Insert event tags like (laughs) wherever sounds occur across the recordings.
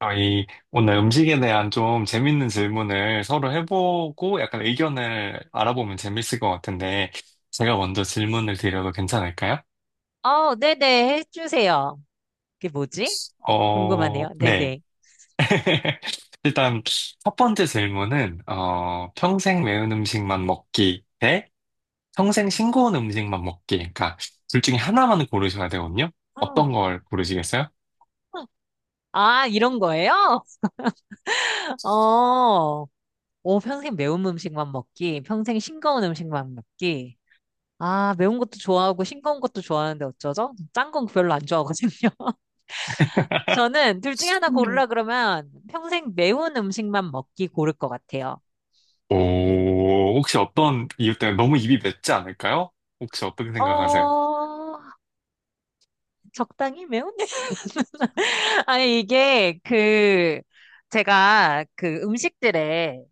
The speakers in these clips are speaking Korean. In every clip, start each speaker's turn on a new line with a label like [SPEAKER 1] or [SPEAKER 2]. [SPEAKER 1] 아, 오늘 음식에 대한 좀 재밌는 질문을 서로 해보고 약간 의견을 알아보면 재밌을 것 같은데, 제가 먼저 질문을 드려도 괜찮을까요?
[SPEAKER 2] 네네, 해주세요. 그게 뭐지? 궁금하네요.
[SPEAKER 1] 네.
[SPEAKER 2] 네네.
[SPEAKER 1] (laughs) 일단, 첫 번째 질문은, 평생 매운 음식만 먹기 대 평생 싱거운 음식만 먹기. 그러니까, 둘 중에 하나만 고르셔야 되거든요?
[SPEAKER 2] 아,
[SPEAKER 1] 어떤 걸 고르시겠어요?
[SPEAKER 2] 이런 거예요? (laughs) 어, 오, 평생 매운 음식만 먹기, 평생 싱거운 음식만 먹기. 아, 매운 것도 좋아하고 싱거운 것도 좋아하는데 어쩌죠? 짠 건 별로 안 좋아하거든요. (laughs) 저는 둘 중에 하나
[SPEAKER 1] 음.
[SPEAKER 2] 고르라 그러면 평생 매운 음식만 먹기 고를 것 같아요.
[SPEAKER 1] 오, 혹시 어떤 이유 때문에 너무 입이 맵지 않을까요? 혹시 어떻게 생각하세요?
[SPEAKER 2] 어, 적당히 매운? (laughs) 아니, 제가 그 음식들에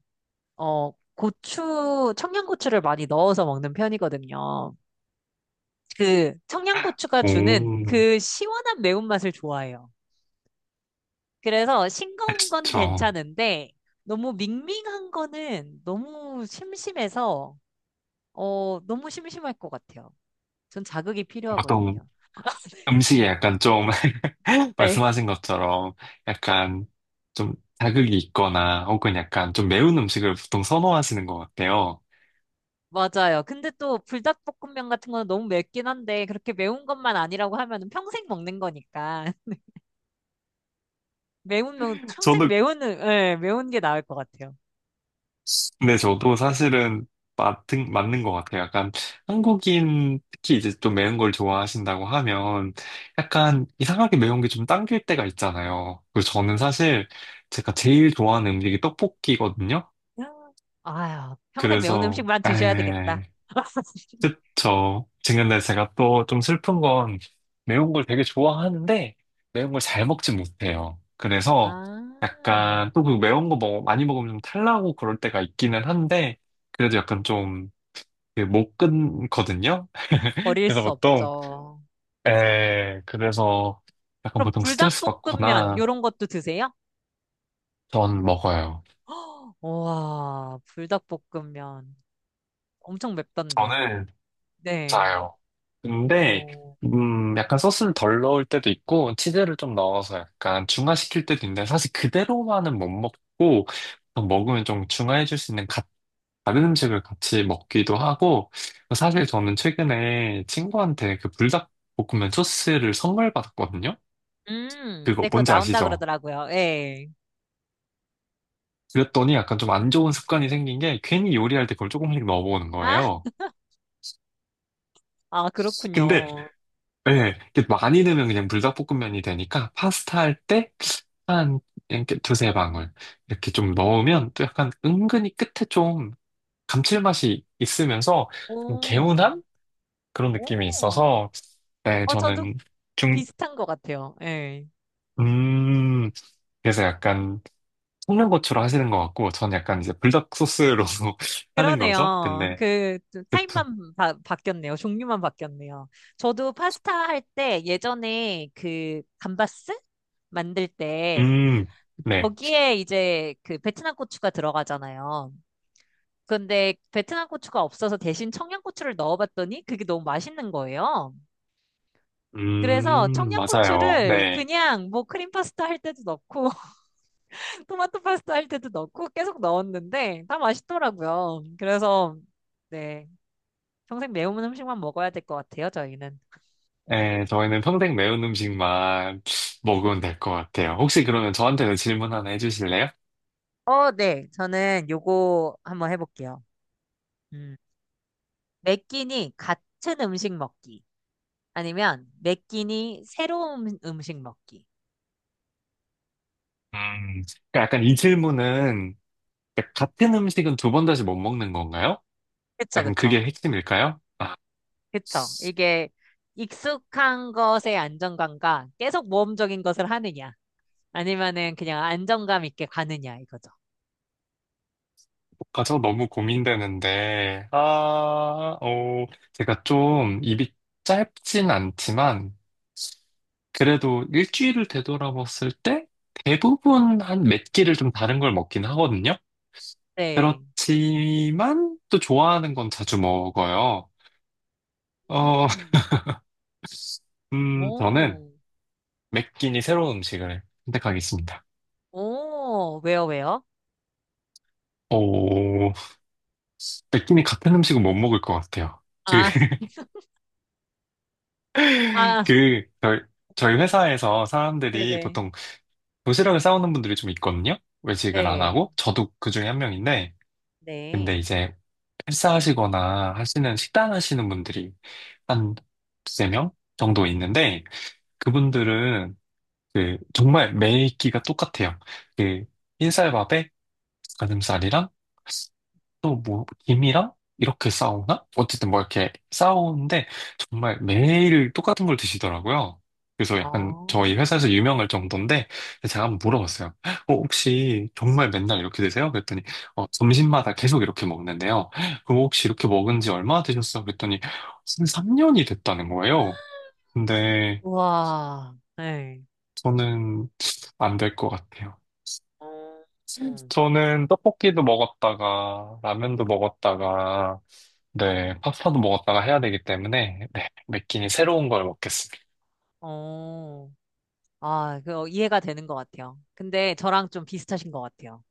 [SPEAKER 2] 고추, 청양고추를 많이 넣어서 먹는 편이거든요. 그 청양고추가 주는
[SPEAKER 1] 오,
[SPEAKER 2] 그 시원한 매운맛을 좋아해요. 그래서 싱거운 건
[SPEAKER 1] 그쵸.
[SPEAKER 2] 괜찮은데 너무 밍밍한 거는 너무 심심해서 너무 심심할 것 같아요. 전 자극이
[SPEAKER 1] 보통
[SPEAKER 2] 필요하거든요.
[SPEAKER 1] 음식에 약간 좀 (laughs)
[SPEAKER 2] 네, (laughs)
[SPEAKER 1] 말씀하신 것처럼 약간 좀 자극이 있거나 혹은 약간 좀 매운 음식을 보통 선호하시는 것 같아요.
[SPEAKER 2] 맞아요. 근데 또 불닭볶음면 같은 건 너무 맵긴 한데 그렇게 매운 것만 아니라고 하면 평생 먹는 거니까 (laughs) 매운 면 평생
[SPEAKER 1] 저도,
[SPEAKER 2] 매운 예, 매운 게 나을 것 같아요.
[SPEAKER 1] 네, 저도 사실은 맞는 것 같아요. 약간 한국인 특히 이제 좀 매운 걸 좋아하신다고 하면 약간 이상하게 매운 게 좀 당길 때가 있잖아요. 그리고 저는 사실 제가 제일 좋아하는 음식이 떡볶이거든요.
[SPEAKER 2] 아유, 평생 매운
[SPEAKER 1] 그래서,
[SPEAKER 2] 음식만 드셔야 되겠다.
[SPEAKER 1] 에
[SPEAKER 2] (laughs)
[SPEAKER 1] 그쵸. 근데 제가 또 좀 슬픈 건 매운 걸 되게 좋아하는데 매운 걸 잘 먹지 못해요. 그래서
[SPEAKER 2] 아,
[SPEAKER 1] 약간 또 그 많이 먹으면 좀 탈나고 그럴 때가 있기는 한데 그래도 약간 좀 못 끊거든요. (laughs)
[SPEAKER 2] 버릴
[SPEAKER 1] 그래서
[SPEAKER 2] 수
[SPEAKER 1] 보통
[SPEAKER 2] 없죠.
[SPEAKER 1] 에 그래서 약간
[SPEAKER 2] 그럼
[SPEAKER 1] 보통 스트레스
[SPEAKER 2] 불닭볶음면
[SPEAKER 1] 받거나
[SPEAKER 2] 요런 것도 드세요?
[SPEAKER 1] 전 먹어요.
[SPEAKER 2] (gasps) 와, 불닭볶음면 엄청 맵던데.
[SPEAKER 1] 저는
[SPEAKER 2] 네.
[SPEAKER 1] 맞아요. 근데,
[SPEAKER 2] 어.
[SPEAKER 1] 약간 소스를 덜 넣을 때도 있고, 치즈를 좀 넣어서 약간 중화시킬 때도 있는데, 사실 그대로만은 못 먹고, 먹으면 좀 중화해줄 수 있는 다른 음식을 같이 먹기도 하고, 사실 저는 최근에 친구한테 그 불닭볶음면 소스를 선물 받았거든요? 그거
[SPEAKER 2] 네, 그거
[SPEAKER 1] 뭔지
[SPEAKER 2] 나온다
[SPEAKER 1] 아시죠?
[SPEAKER 2] 그러더라고요. 예.
[SPEAKER 1] 그랬더니 약간 좀 안 좋은 습관이 생긴 게, 괜히 요리할 때 그걸 조금씩 넣어보는
[SPEAKER 2] 아,
[SPEAKER 1] 거예요. 근데,
[SPEAKER 2] 그렇군요.
[SPEAKER 1] 예, 이렇게 많이 넣으면 그냥 불닭볶음면이 되니까, 파스타 할 때, 한 이렇게 두세 방울 이렇게 좀 넣으면 또 약간 은근히 끝에 좀 감칠맛이 있으면서 좀
[SPEAKER 2] 오,
[SPEAKER 1] 개운한 그런 느낌이
[SPEAKER 2] 오.
[SPEAKER 1] 있어서 네
[SPEAKER 2] 어, 저도
[SPEAKER 1] 저는 중
[SPEAKER 2] 비슷한 것 같아요. 예.
[SPEAKER 1] 음 그래서 약간 볶는 고추로 하시는 것 같고 저는 약간 이제 불닭 소스로 (laughs) 하는 거죠.
[SPEAKER 2] 그러네요.
[SPEAKER 1] 근데
[SPEAKER 2] 그
[SPEAKER 1] 그쵸
[SPEAKER 2] 바뀌었네요. 종류만 바뀌었네요. 저도 파스타 할 때 예전에 그 감바스 만들 때
[SPEAKER 1] 음네음
[SPEAKER 2] 거기에 이제 그 베트남 고추가 들어가잖아요. 근데 베트남 고추가 없어서 대신 청양고추를 넣어봤더니 그게 너무 맛있는 거예요. 그래서
[SPEAKER 1] 맞아요
[SPEAKER 2] 청양고추를
[SPEAKER 1] 네.
[SPEAKER 2] 그냥 뭐 크림 파스타 할 때도 넣고 (laughs) 토마토 파스타 할 때도 넣고 계속 넣었는데 다 맛있더라고요. 그래서 네, 평생 매운 음식만 먹어야 될 것 같아요, 저희는.
[SPEAKER 1] 네, 저희는 평생 매운 음식만 먹으면 될 것 같아요. 혹시 그러면 저한테도 질문 하나 해주실래요?
[SPEAKER 2] 어, 네. 저는 요거 한번 해볼게요. 음, 매 끼니 같은 음식 먹기. 아니면 매 끼니 새로운 음식 먹기.
[SPEAKER 1] 음, 그러니까 약간 이 질문은 그러니까 같은 음식은 두 번 다시 못 먹는 건가요?
[SPEAKER 2] 그쵸,
[SPEAKER 1] 약간
[SPEAKER 2] 그쵸.
[SPEAKER 1] 그게 핵심일까요?
[SPEAKER 2] 그쵸. 이게 익숙한 것의 안정감과 계속 모험적인 것을 하느냐, 아니면은 그냥 안정감 있게 가느냐, 이거죠.
[SPEAKER 1] 아, 저 너무 고민되는데, 아, 어, 제가 좀 입이 짧진 않지만, 그래도 일주일을 되돌아봤을 때 대부분 한 몇 끼를 좀 다른 걸 먹긴 하거든요?
[SPEAKER 2] 네.
[SPEAKER 1] 그렇지만 또 좋아하는 건 자주 먹어요. 어, (laughs)
[SPEAKER 2] 음.
[SPEAKER 1] 저는
[SPEAKER 2] 오,
[SPEAKER 1] 매 끼니 새로운 음식을 선택하겠습니다.
[SPEAKER 2] 오, 왜요, 왜요?
[SPEAKER 1] 오, 느낌이 같은 음식은 못 먹을 것 같아요. 그,
[SPEAKER 2] 아,
[SPEAKER 1] (laughs)
[SPEAKER 2] 아,
[SPEAKER 1] 그, 저희, 저희 회사에서 사람들이
[SPEAKER 2] 네네.
[SPEAKER 1] 보통 도시락을 싸오는 분들이 좀 있거든요? 외식을 안
[SPEAKER 2] 네,
[SPEAKER 1] 하고. 저도 그 중에 한 명인데. 근데
[SPEAKER 2] 네.
[SPEAKER 1] 이제 헬스하시거나 하시는 식단 하시는 분들이 한 두세 명 정도 있는데, 그분들은 그, 정말 매 끼가 똑같아요. 그, 흰쌀밥에 가슴살이랑 또 뭐, 김이랑 이렇게 싸우나? 어쨌든 뭐 이렇게 싸우는데 정말 매일 똑같은 걸 드시더라고요. 그래서 약간
[SPEAKER 2] 아,
[SPEAKER 1] 저희 회사에서 유명할 정도인데 제가 한번 물어봤어요. 혹시 정말 맨날 이렇게 드세요? 그랬더니 어, 점심마다 계속 이렇게 먹는데요. 그럼 혹시 이렇게 먹은 지 얼마나 되셨어요? 그랬더니 삼 3년이 됐다는 거예요. 근데
[SPEAKER 2] 우와, 네.
[SPEAKER 1] 저는 안 될 것 같아요.
[SPEAKER 2] 어, 음.
[SPEAKER 1] 저는 떡볶이도 먹었다가 라면도 먹었다가 네 파스타도 먹었다가 해야 되기 때문에 네 매끼니 새로운 걸 먹겠습니다.
[SPEAKER 2] 어, 이해가 되는 것 같아요. 근데 저랑 좀 비슷하신 것 같아요.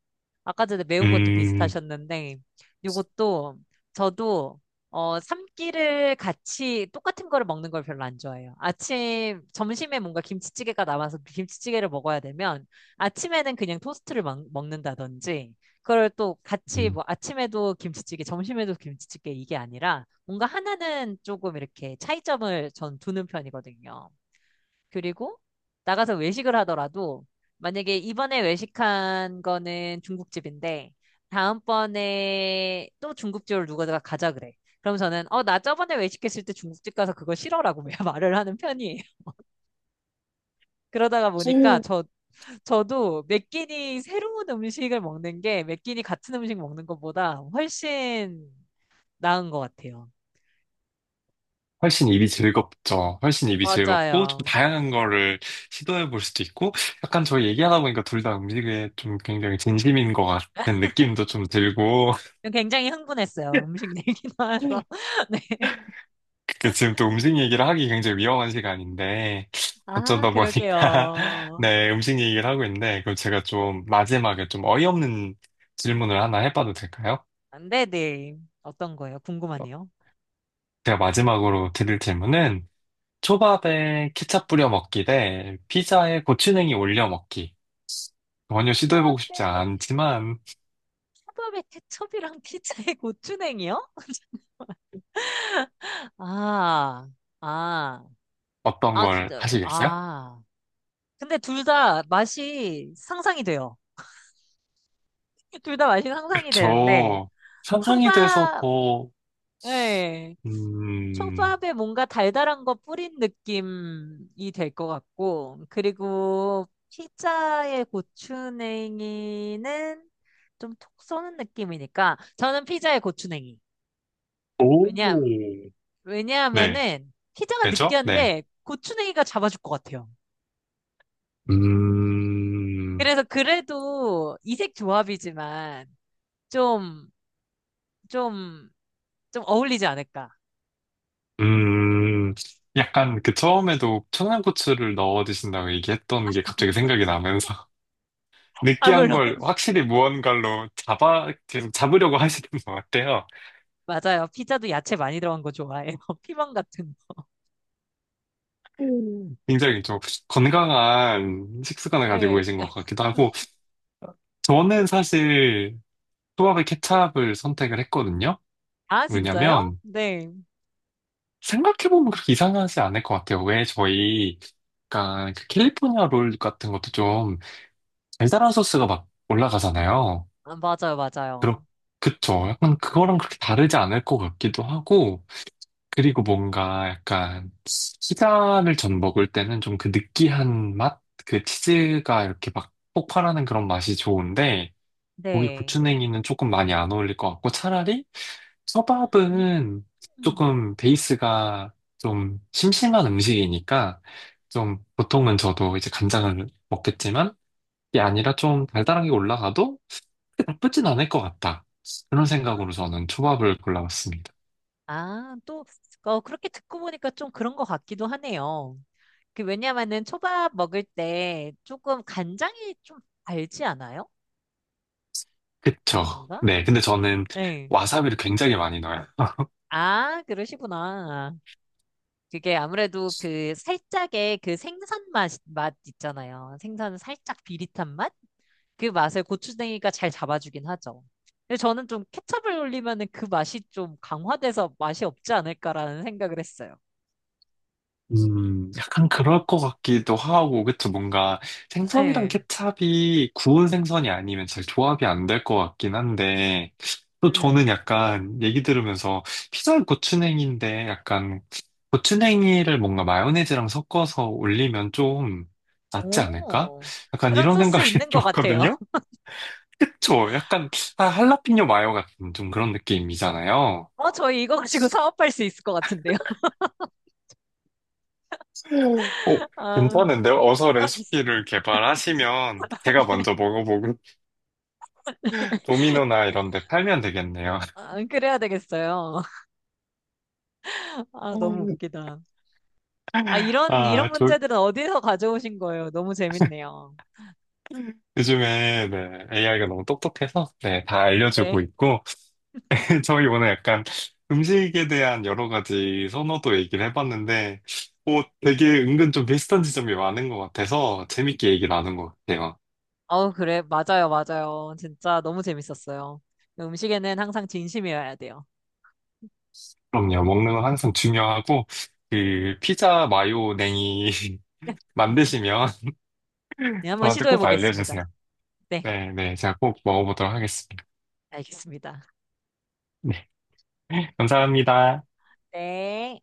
[SPEAKER 2] 아까 전에 매운 것도
[SPEAKER 1] 음,
[SPEAKER 2] 비슷하셨는데, 요것도 저도 삼끼를 같이 똑같은 거를 먹는 걸 별로 안 좋아해요. 아침, 점심에 뭔가 김치찌개가 남아서 그 김치찌개를 먹어야 되면 아침에는 그냥 먹는다든지, 그걸 또 같이
[SPEAKER 1] 음.
[SPEAKER 2] 뭐 아침에도 김치찌개, 점심에도 김치찌개 이게 아니라 뭔가 하나는 조금 이렇게 차이점을 전 두는 편이거든요. 그리고 나가서 외식을 하더라도 만약에 이번에 외식한 거는 중국집인데 다음번에 또 중국집을 누가 가자 그래. 그럼 저는 어, 나 저번에 외식했을 때 중국집 가서 그거 싫어라고 (laughs) 말을 하는 편이에요. 그러다가 보니까
[SPEAKER 1] 음.
[SPEAKER 2] 저 저도 매 끼니 새로운 음식을 먹는 게 매 끼니 같은 음식 먹는 것보다 훨씬 나은 것 같아요.
[SPEAKER 1] 훨씬 입이 즐겁죠. 훨씬 입이 즐겁고 좀
[SPEAKER 2] 맞아요.
[SPEAKER 1] 다양한 거를 시도해 볼 수도 있고 약간 저희 얘기하다 보니까 둘 다 음식에 좀 굉장히 진심인 것 같은 느낌도 좀 들고
[SPEAKER 2] 굉장히 흥분했어요.
[SPEAKER 1] (laughs)
[SPEAKER 2] 음식 얘기 나와서. (laughs) 네.
[SPEAKER 1] 그 지금 또 음식 얘기를 하기 굉장히 위험한 시간인데
[SPEAKER 2] 아,
[SPEAKER 1] 어쩌다 보니까 (laughs)
[SPEAKER 2] 그러게요.
[SPEAKER 1] 네 음식 얘기를 하고 있는데 그럼 제가 좀 마지막에 좀 어이없는 질문을 하나 해봐도 될까요?
[SPEAKER 2] 네네. 어떤 거예요? 궁금하네요.
[SPEAKER 1] 제가 마지막으로 드릴 질문은 초밥에 케첩 뿌려 먹기 대 피자에 고추냉이 올려 먹기 전혀 시도해보고 싶지
[SPEAKER 2] 초밥에,
[SPEAKER 1] 않지만
[SPEAKER 2] 초밥에 케첩이랑 피자에 (laughs) 고추냉이요? 아, 아,
[SPEAKER 1] 어떤
[SPEAKER 2] 아,
[SPEAKER 1] 걸
[SPEAKER 2] 진짜,
[SPEAKER 1] 하시겠어요?
[SPEAKER 2] 아. 근데 둘 다 맛이 상상이 돼요. (laughs) 둘 다 맛이 상상이 되는데,
[SPEAKER 1] 저 상상이 돼서
[SPEAKER 2] 초밥,
[SPEAKER 1] 더
[SPEAKER 2] 예.
[SPEAKER 1] 음...
[SPEAKER 2] 초밥에 뭔가 달달한 거 뿌린 느낌이 될 것 같고, 그리고 피자의 고추냉이는 좀 톡 쏘는 느낌이니까, 저는 피자의 고추냉이.
[SPEAKER 1] 오.
[SPEAKER 2] 왜냐,
[SPEAKER 1] 네.
[SPEAKER 2] 왜냐하면은, 피자가
[SPEAKER 1] 그렇죠? 네.
[SPEAKER 2] 느끼한데, 고추냉이가 잡아줄 것 같아요.
[SPEAKER 1] 음,
[SPEAKER 2] 그래서 그래도 이색 조합이지만, 좀, 좀, 좀 어울리지 않을까.
[SPEAKER 1] 음, 약간 그 처음에도 청양고추를 넣어 드신다고 얘기했던 게 갑자기 생각이 나면서 (laughs)
[SPEAKER 2] 아,
[SPEAKER 1] 느끼한
[SPEAKER 2] 물론,
[SPEAKER 1] 걸
[SPEAKER 2] (laughs)
[SPEAKER 1] 확실히 무언가로 잡아, 계속 잡으려고 하시는 것 같아요.
[SPEAKER 2] 맞아요. 피자도 야채 많이 들어간 거 좋아해요. (laughs) 피망 같은 거.
[SPEAKER 1] 음. 굉장히 좀 건강한 식습관을 가지고
[SPEAKER 2] 예.
[SPEAKER 1] 계신 것 같기도 하고, 저는 사실 초밥에 케찹을 선택을 했거든요.
[SPEAKER 2] 아, 진짜요?
[SPEAKER 1] 왜냐면
[SPEAKER 2] 네.
[SPEAKER 1] 생각해보면 그렇게 이상하지 않을 것 같아요. 왜 저희, 약간 그 캘리포니아 롤 같은 것도 좀 달달한 소스가 막 올라가잖아요.
[SPEAKER 2] 아, 맞아요, 맞아요.
[SPEAKER 1] 그렇, 그쵸. 약간 그거랑 그렇게 다르지 않을 것 같기도 하고, 그리고 뭔가 약간 피자를 전 먹을 때는 좀 그 느끼한 맛? 그 치즈가 이렇게 막 폭발하는 그런 맛이 좋은데, 고기
[SPEAKER 2] 네.
[SPEAKER 1] 고추냉이는 조금 많이 안 어울릴 것 같고, 차라리 초밥은
[SPEAKER 2] 음.
[SPEAKER 1] 조금 베이스가 좀 심심한 음식이니까, 좀 보통은 저도 이제 간장을 먹겠지만, 게 아니라 좀 달달하게 올라가도 그렇게 나쁘진 않을 것 같다. 그런
[SPEAKER 2] 아,
[SPEAKER 1] 생각으로 저는 초밥을 골라봤습니다.
[SPEAKER 2] 아, 또, 그렇게 듣고 보니까 좀 그런 것 같기도 하네요. 그, 왜냐면은 초밥 먹을 때 조금 간장이 좀 달지 않아요?
[SPEAKER 1] 그쵸?
[SPEAKER 2] 아닌가?
[SPEAKER 1] 네, 근데 저는
[SPEAKER 2] 네.
[SPEAKER 1] 와사비를 굉장히 많이 넣어요.
[SPEAKER 2] 아, 그러시구나. 그게 아무래도 그 살짝의 그 맛 있잖아요. 생선 살짝 비릿한 맛? 그 맛을 고추냉이가 잘 잡아주긴 하죠. 근데 저는 좀 케첩을 올리면은 그 맛이 좀 강화돼서 맛이 없지 않을까라는 생각을 했어요.
[SPEAKER 1] 약간 그럴 것 같기도 하고, 그쵸? 뭔가 생선이랑
[SPEAKER 2] 네.
[SPEAKER 1] 케찹이 구운 생선이 아니면 잘 조합이 안 될 것 같긴 한데, 또 저는
[SPEAKER 2] 음.
[SPEAKER 1] 약간 얘기 들으면서 피자에 고추냉이인데 약간 고추냉이를 뭔가 마요네즈랑 섞어서 올리면 좀 낫지 않을까?
[SPEAKER 2] 오.
[SPEAKER 1] 약간
[SPEAKER 2] 그런
[SPEAKER 1] 이런
[SPEAKER 2] 소스
[SPEAKER 1] 생각이 (laughs)
[SPEAKER 2] 있는 것 같아요.
[SPEAKER 1] 들었거든요?
[SPEAKER 2] (laughs)
[SPEAKER 1] 그쵸? 약간 아, 할라피뇨 마요 같은 좀 그런 느낌이잖아요.
[SPEAKER 2] 어, 저희 이거 가지고 사업할 수 있을 것 같은데요.
[SPEAKER 1] 오,
[SPEAKER 2] (laughs) 아,
[SPEAKER 1] 괜찮은데요? 어서
[SPEAKER 2] 아,
[SPEAKER 1] 레시피를 개발하시면 제가
[SPEAKER 2] 네.
[SPEAKER 1] 먼저 먹어보고 (laughs) 도미노나 이런 데 팔면 되겠네요.
[SPEAKER 2] 아, 그래야 되겠어요. (laughs) 아, 너무
[SPEAKER 1] (laughs)
[SPEAKER 2] 웃기다. 아, 이런
[SPEAKER 1] 아, 저
[SPEAKER 2] 문제들은 어디서 가져오신 거예요? 너무 재밌네요.
[SPEAKER 1] 요즘에 네, AI가 너무 똑똑해서 네, 다 알려주고
[SPEAKER 2] 네.
[SPEAKER 1] 있고 (laughs) 저희 오늘 약간 음식에 대한 여러 가지 선호도 얘기를 해봤는데 오, 되게 은근 좀 비슷한 지점이 많은 것 같아서 재밌게 얘기 나눈 것 같아요.
[SPEAKER 2] 어, 그래. 맞아요, 맞아요. 진짜 너무 재밌었어요. 음식에는 항상 진심이어야 돼요.
[SPEAKER 1] 그럼요, 먹는 건 항상 중요하고 그 피자 마요 냉이 (laughs) 만드시면
[SPEAKER 2] 네, 한번
[SPEAKER 1] 저한테
[SPEAKER 2] 시도해
[SPEAKER 1] 꼭
[SPEAKER 2] 보겠습니다.
[SPEAKER 1] 알려주세요.
[SPEAKER 2] 네,
[SPEAKER 1] 네, 네. 제가 꼭 먹어보도록 하겠습니다.
[SPEAKER 2] 알겠습니다.
[SPEAKER 1] 네. (laughs) 감사합니다.
[SPEAKER 2] 네.